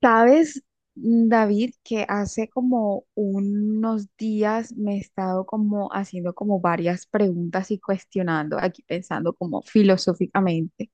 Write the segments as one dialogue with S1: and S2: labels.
S1: Sabes, David, que hace como unos días me he estado como haciendo como varias preguntas y cuestionando, aquí pensando como filosóficamente,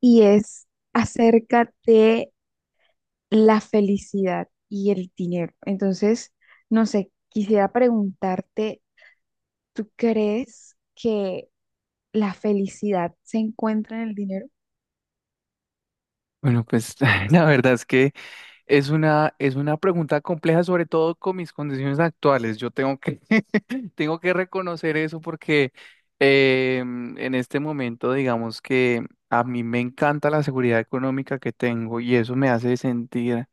S1: y es acerca de la felicidad y el dinero. Entonces, no sé, quisiera preguntarte, ¿tú crees que la felicidad se encuentra en el dinero?
S2: Bueno, pues la verdad es que es una pregunta compleja, sobre todo con mis condiciones actuales. Tengo que reconocer eso porque en este momento, digamos que a mí me encanta la seguridad económica que tengo y eso me hace sentir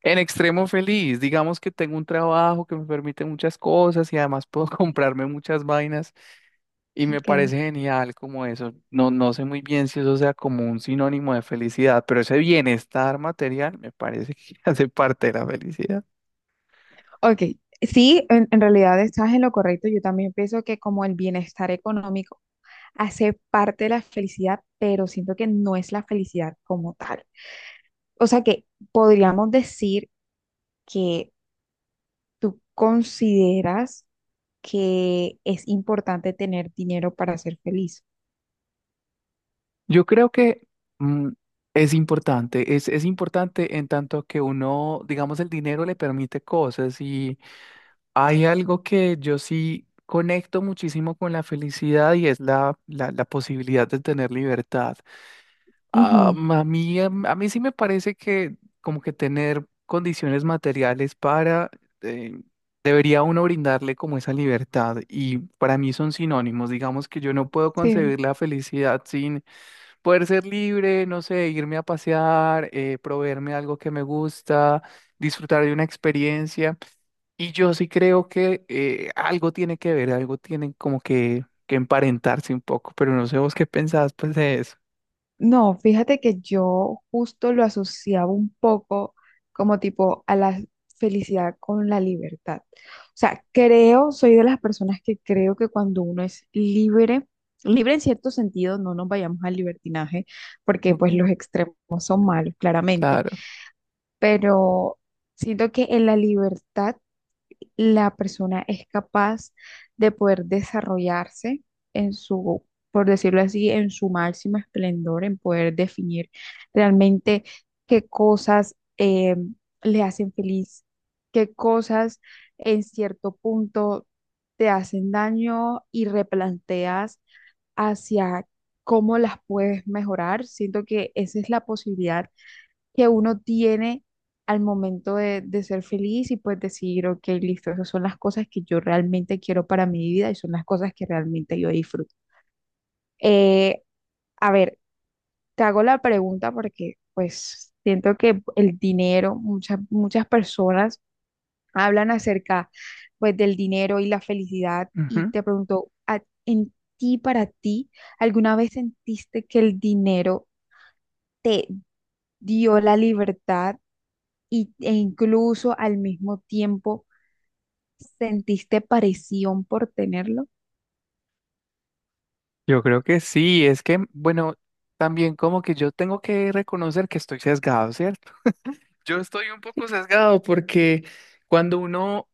S2: en extremo feliz. Digamos que tengo un trabajo que me permite muchas cosas y además puedo comprarme muchas vainas y me
S1: Ok.
S2: parece genial como eso. No sé muy bien si eso sea como un sinónimo de felicidad, pero ese bienestar material me parece que hace parte de la felicidad.
S1: Ok, sí, en realidad estás en lo correcto. Yo también pienso que como el bienestar económico hace parte de la felicidad, pero siento que no es la felicidad como tal. O sea que podríamos decir que tú consideras que es importante tener dinero para ser feliz.
S2: Yo creo que mm, es importante. Es importante en tanto que uno, digamos, el dinero le permite cosas, y hay algo que yo sí conecto muchísimo con la felicidad, y es la posibilidad de tener libertad.
S1: Ujú.
S2: A mí, a mí sí me parece que como que tener condiciones materiales para, eh, debería uno brindarle como esa libertad, y para mí son sinónimos. Digamos que yo no puedo
S1: Sí.
S2: concebir la felicidad sin poder ser libre, no sé, irme a pasear, proveerme algo que me gusta, disfrutar de una experiencia. Y yo sí creo que algo tiene que ver, algo tiene como que emparentarse un poco, pero no sé vos qué pensás pues de eso.
S1: No, fíjate que yo justo lo asociaba un poco como tipo a la felicidad con la libertad. O sea, creo, soy de las personas que creo que cuando uno es libre, libre en cierto sentido, no nos vayamos al libertinaje, porque
S2: Ok,
S1: pues los extremos son malos, claramente,
S2: claro.
S1: pero siento que en la libertad la persona es capaz de poder desarrollarse en su, por decirlo así, en su máximo esplendor, en poder definir realmente qué cosas le hacen feliz, qué cosas en cierto punto te hacen daño y replanteas hacia cómo las puedes mejorar. Siento que esa es la posibilidad que uno tiene al momento de ser feliz y pues decir, ok, listo, esas son las cosas que yo realmente quiero para mi vida y son las cosas que realmente yo disfruto. Eh, a ver, te hago la pregunta porque pues siento que el dinero, muchas personas hablan acerca pues del dinero y la felicidad y
S2: Ujú.
S1: te pregunto, en ti, para ti, ¿alguna vez sentiste que el dinero te dio la libertad? ¿E incluso al mismo tiempo sentiste presión por tenerlo?
S2: Yo creo que sí. Es que, bueno, también como que yo tengo que reconocer que estoy sesgado, ¿cierto? Yo estoy un poco sesgado porque cuando uno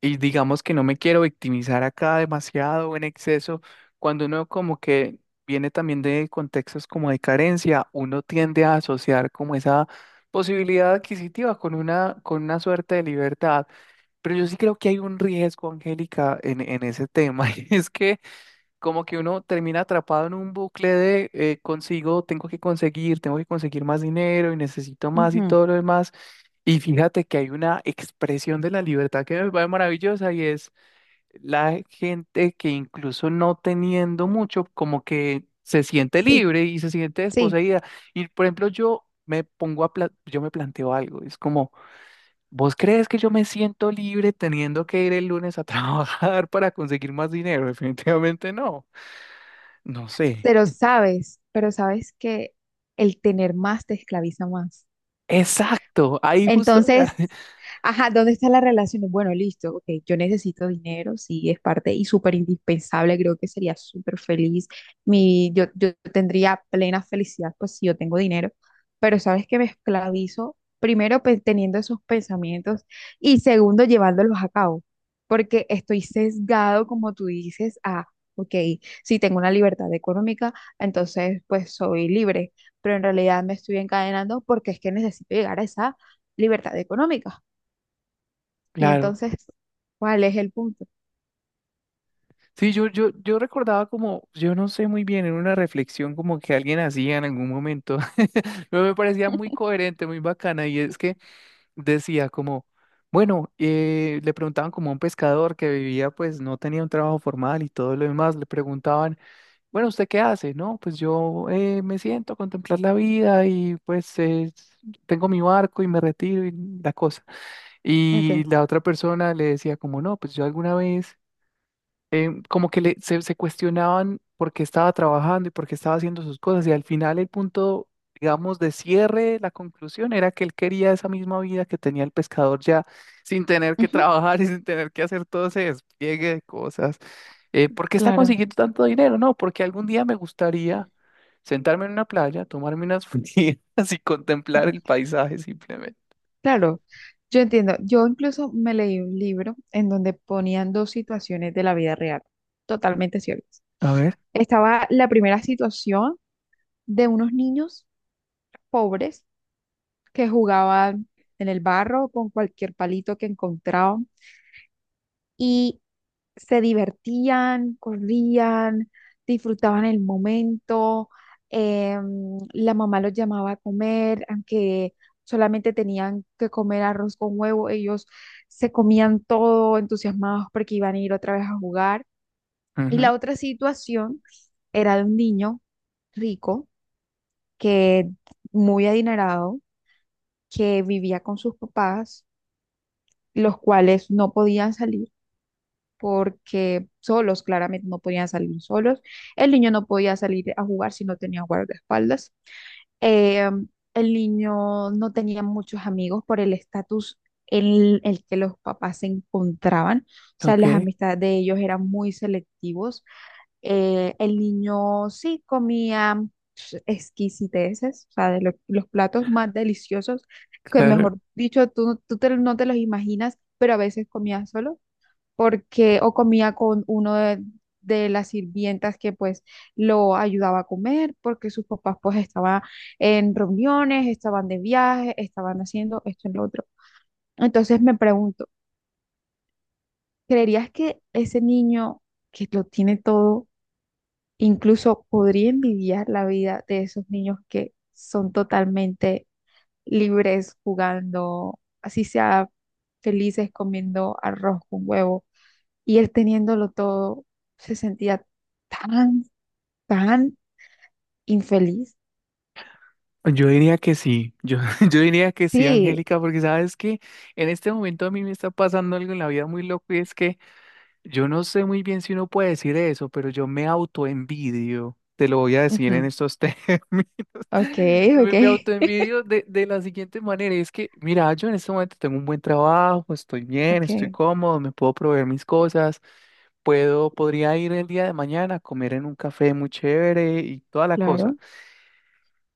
S2: y digamos que no me quiero victimizar acá demasiado o en exceso, cuando uno como que viene también de contextos como de carencia, uno tiende a asociar como esa posibilidad adquisitiva con una suerte de libertad. Pero yo sí creo que hay un riesgo, Angélica, en ese tema, y es que como que uno termina atrapado en un bucle de consigo, tengo que conseguir más dinero y necesito más y
S1: Ujú.
S2: todo lo demás. Y fíjate que hay una expresión de la libertad que me parece maravillosa, y es la gente que, incluso no teniendo mucho, como que se siente
S1: Sí,
S2: libre y se siente
S1: sí,
S2: desposeída. Y por ejemplo, yo me planteo algo, es como, ¿vos crees que yo me siento libre teniendo que ir el lunes a trabajar para conseguir más dinero? Definitivamente no. No sé.
S1: pero sabes que el tener más te esclaviza más.
S2: Exacto, ahí justo.
S1: Entonces, ajá, ¿dónde está la relación? Bueno, listo, ok, yo necesito dinero, sí, es parte y súper indispensable, creo que sería súper feliz. Yo tendría plena felicidad, pues si yo tengo dinero, pero sabes que me esclavizo, primero teniendo esos pensamientos y segundo llevándolos a cabo, porque estoy sesgado, como tú dices, a, ok, si tengo una libertad económica, entonces pues soy libre pero en realidad me estoy encadenando porque es que necesito llegar a esa libertad económica. Y
S2: Claro.
S1: entonces, ¿cuál es el punto?
S2: Sí, yo recordaba como, yo no sé muy bien, en una reflexión como que alguien hacía en algún momento, pero me parecía muy coherente, muy bacana, y es que decía como, bueno, le preguntaban como a un pescador que vivía, pues no tenía un trabajo formal y todo lo demás. Le preguntaban, bueno, ¿usted qué hace? No, pues yo me siento a contemplar la vida y pues tengo mi barco y me retiro y la cosa. Y
S1: Okay.
S2: la otra persona le decía como, no, pues yo alguna vez, como que se cuestionaban por qué estaba trabajando y por qué estaba haciendo sus cosas. Y al final el punto, digamos, de cierre, la conclusión era que él quería esa misma vida que tenía el pescador ya, sin tener que
S1: Ujú.
S2: trabajar y sin tener que hacer todo ese despliegue de cosas. ¿Por qué está
S1: Claro.
S2: consiguiendo tanto dinero? No, porque algún día me gustaría sentarme en una playa, tomarme unas frías y
S1: eh,
S2: contemplar el paisaje simplemente.
S1: Claro, yo entiendo. Yo incluso me leí un libro en donde ponían dos situaciones de la vida real, totalmente ciertas.
S2: A ver.
S1: Estaba la primera situación de unos niños pobres que jugaban en el barro con cualquier palito que encontraban y se divertían, corrían, disfrutaban el momento. La mamá los llamaba a comer, aunque solamente tenían que comer arroz con huevo, ellos se comían todo entusiasmados porque iban a ir otra vez a jugar. Y
S2: Ujú.
S1: la otra situación era de un niño rico que muy adinerado que vivía con sus papás, los cuales no podían salir porque solos, claramente no podían salir solos. El niño no podía salir a jugar si no tenía guardaespaldas. Eh, el niño no tenía muchos amigos por el estatus en el que los papás se encontraban. O sea, las
S2: Ok.
S1: amistades de ellos eran muy selectivos. El niño sí comía pues, exquisiteces, o sea, los platos más deliciosos, que
S2: Claro,
S1: mejor dicho, tú no te los imaginas, pero a veces comía solo porque o comía con uno de las sirvientas que pues lo ayudaba a comer, porque sus papás pues estaban en reuniones, estaban de viaje, estaban haciendo esto y lo otro. Entonces me pregunto, ¿creerías que ese niño que lo tiene todo, incluso podría envidiar la vida de esos niños que son totalmente libres jugando, así sea felices comiendo arroz con huevo? Y él teniéndolo todo, se sentía tan, tan infeliz.
S2: yo diría que sí. Yo, yo diría que sí,
S1: Sí,
S2: Angélica, porque sabes que en este momento a mí me está pasando algo en la vida muy loco, y es que yo no sé muy bien si uno puede decir eso, pero yo me autoenvidio, te lo voy a decir en
S1: ujú,
S2: estos términos.
S1: ok, ok,
S2: Me autoenvidio de la siguiente manera, y es que, mira, yo en este momento tengo un buen trabajo, estoy bien, estoy
S1: ok,
S2: cómodo, me puedo proveer mis cosas, puedo, podría ir el día de mañana a comer en un café muy chévere y toda la cosa.
S1: claro,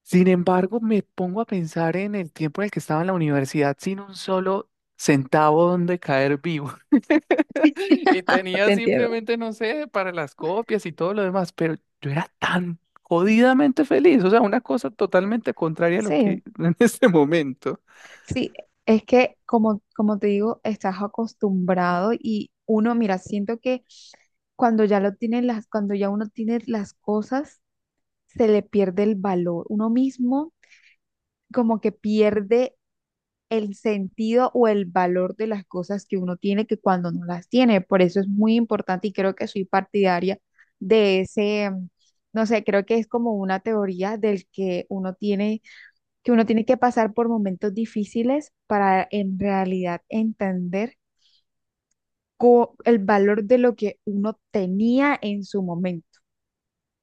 S2: Sin embargo, me pongo a pensar en el tiempo en el que estaba en la universidad sin un solo centavo donde caer vivo. Y tenía
S1: te entiendo.
S2: simplemente, no sé, para las copias y todo lo demás, pero yo era tan jodidamente feliz. O sea, una cosa totalmente contraria a lo
S1: Sí,
S2: que en este momento.
S1: sí, es que como te digo, estás acostumbrado y uno, mira, siento que cuando ya lo tiene las, cuando ya uno tiene las cosas, se le pierde el valor. Uno mismo como que pierde el sentido o el valor de las cosas que uno tiene que cuando no las tiene. Por eso es muy importante y creo que soy partidaria de ese, no sé, creo que es como una teoría del que uno tiene, que uno tiene que pasar por momentos difíciles para en realidad entender el valor de lo que uno tenía en su momento.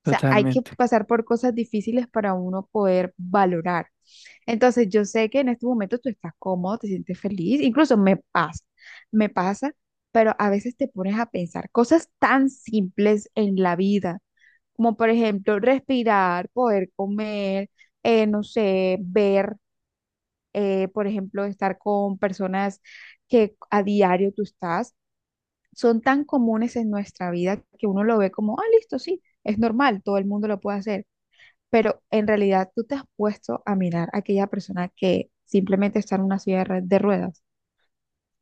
S1: O sea, hay que
S2: Totalmente.
S1: pasar por cosas difíciles para uno poder valorar. Entonces, yo sé que en este momento tú estás cómodo, te sientes feliz, incluso me pasa, pero a veces te pones a pensar cosas tan simples en la vida, como por ejemplo respirar, poder comer, no sé, ver, por ejemplo, estar con personas que a diario tú estás, son tan comunes en nuestra vida que uno lo ve como, ah, listo, sí, es normal, todo el mundo lo puede hacer pero en realidad tú te has puesto a mirar a aquella persona que simplemente está en una silla de ruedas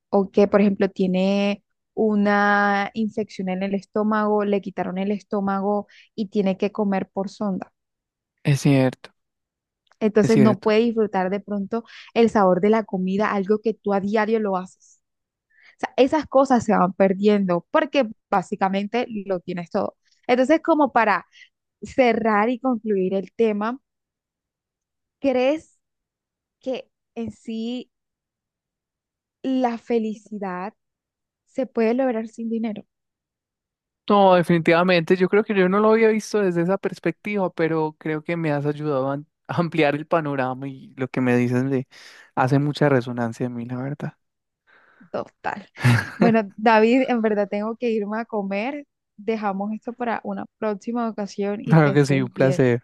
S1: o que, por ejemplo, tiene una infección en el estómago, le quitaron el estómago y tiene que comer por sonda.
S2: Es cierto, es
S1: Entonces no
S2: cierto.
S1: puede disfrutar de pronto el sabor de la comida, algo que tú a diario lo haces. O sea, esas cosas se van perdiendo porque básicamente lo tienes todo. Entonces, como para cerrar y concluir el tema, ¿crees que en sí la felicidad se puede lograr sin dinero?
S2: No, definitivamente, yo creo que yo no lo había visto desde esa perspectiva, pero creo que me has ayudado a a ampliar el panorama, y lo que me dices le hace mucha resonancia a mí, la verdad.
S1: Total. Bueno, David, en verdad tengo que irme a comer. Dejamos esto para una próxima ocasión y que
S2: Claro que sí, un
S1: estés bien.
S2: placer.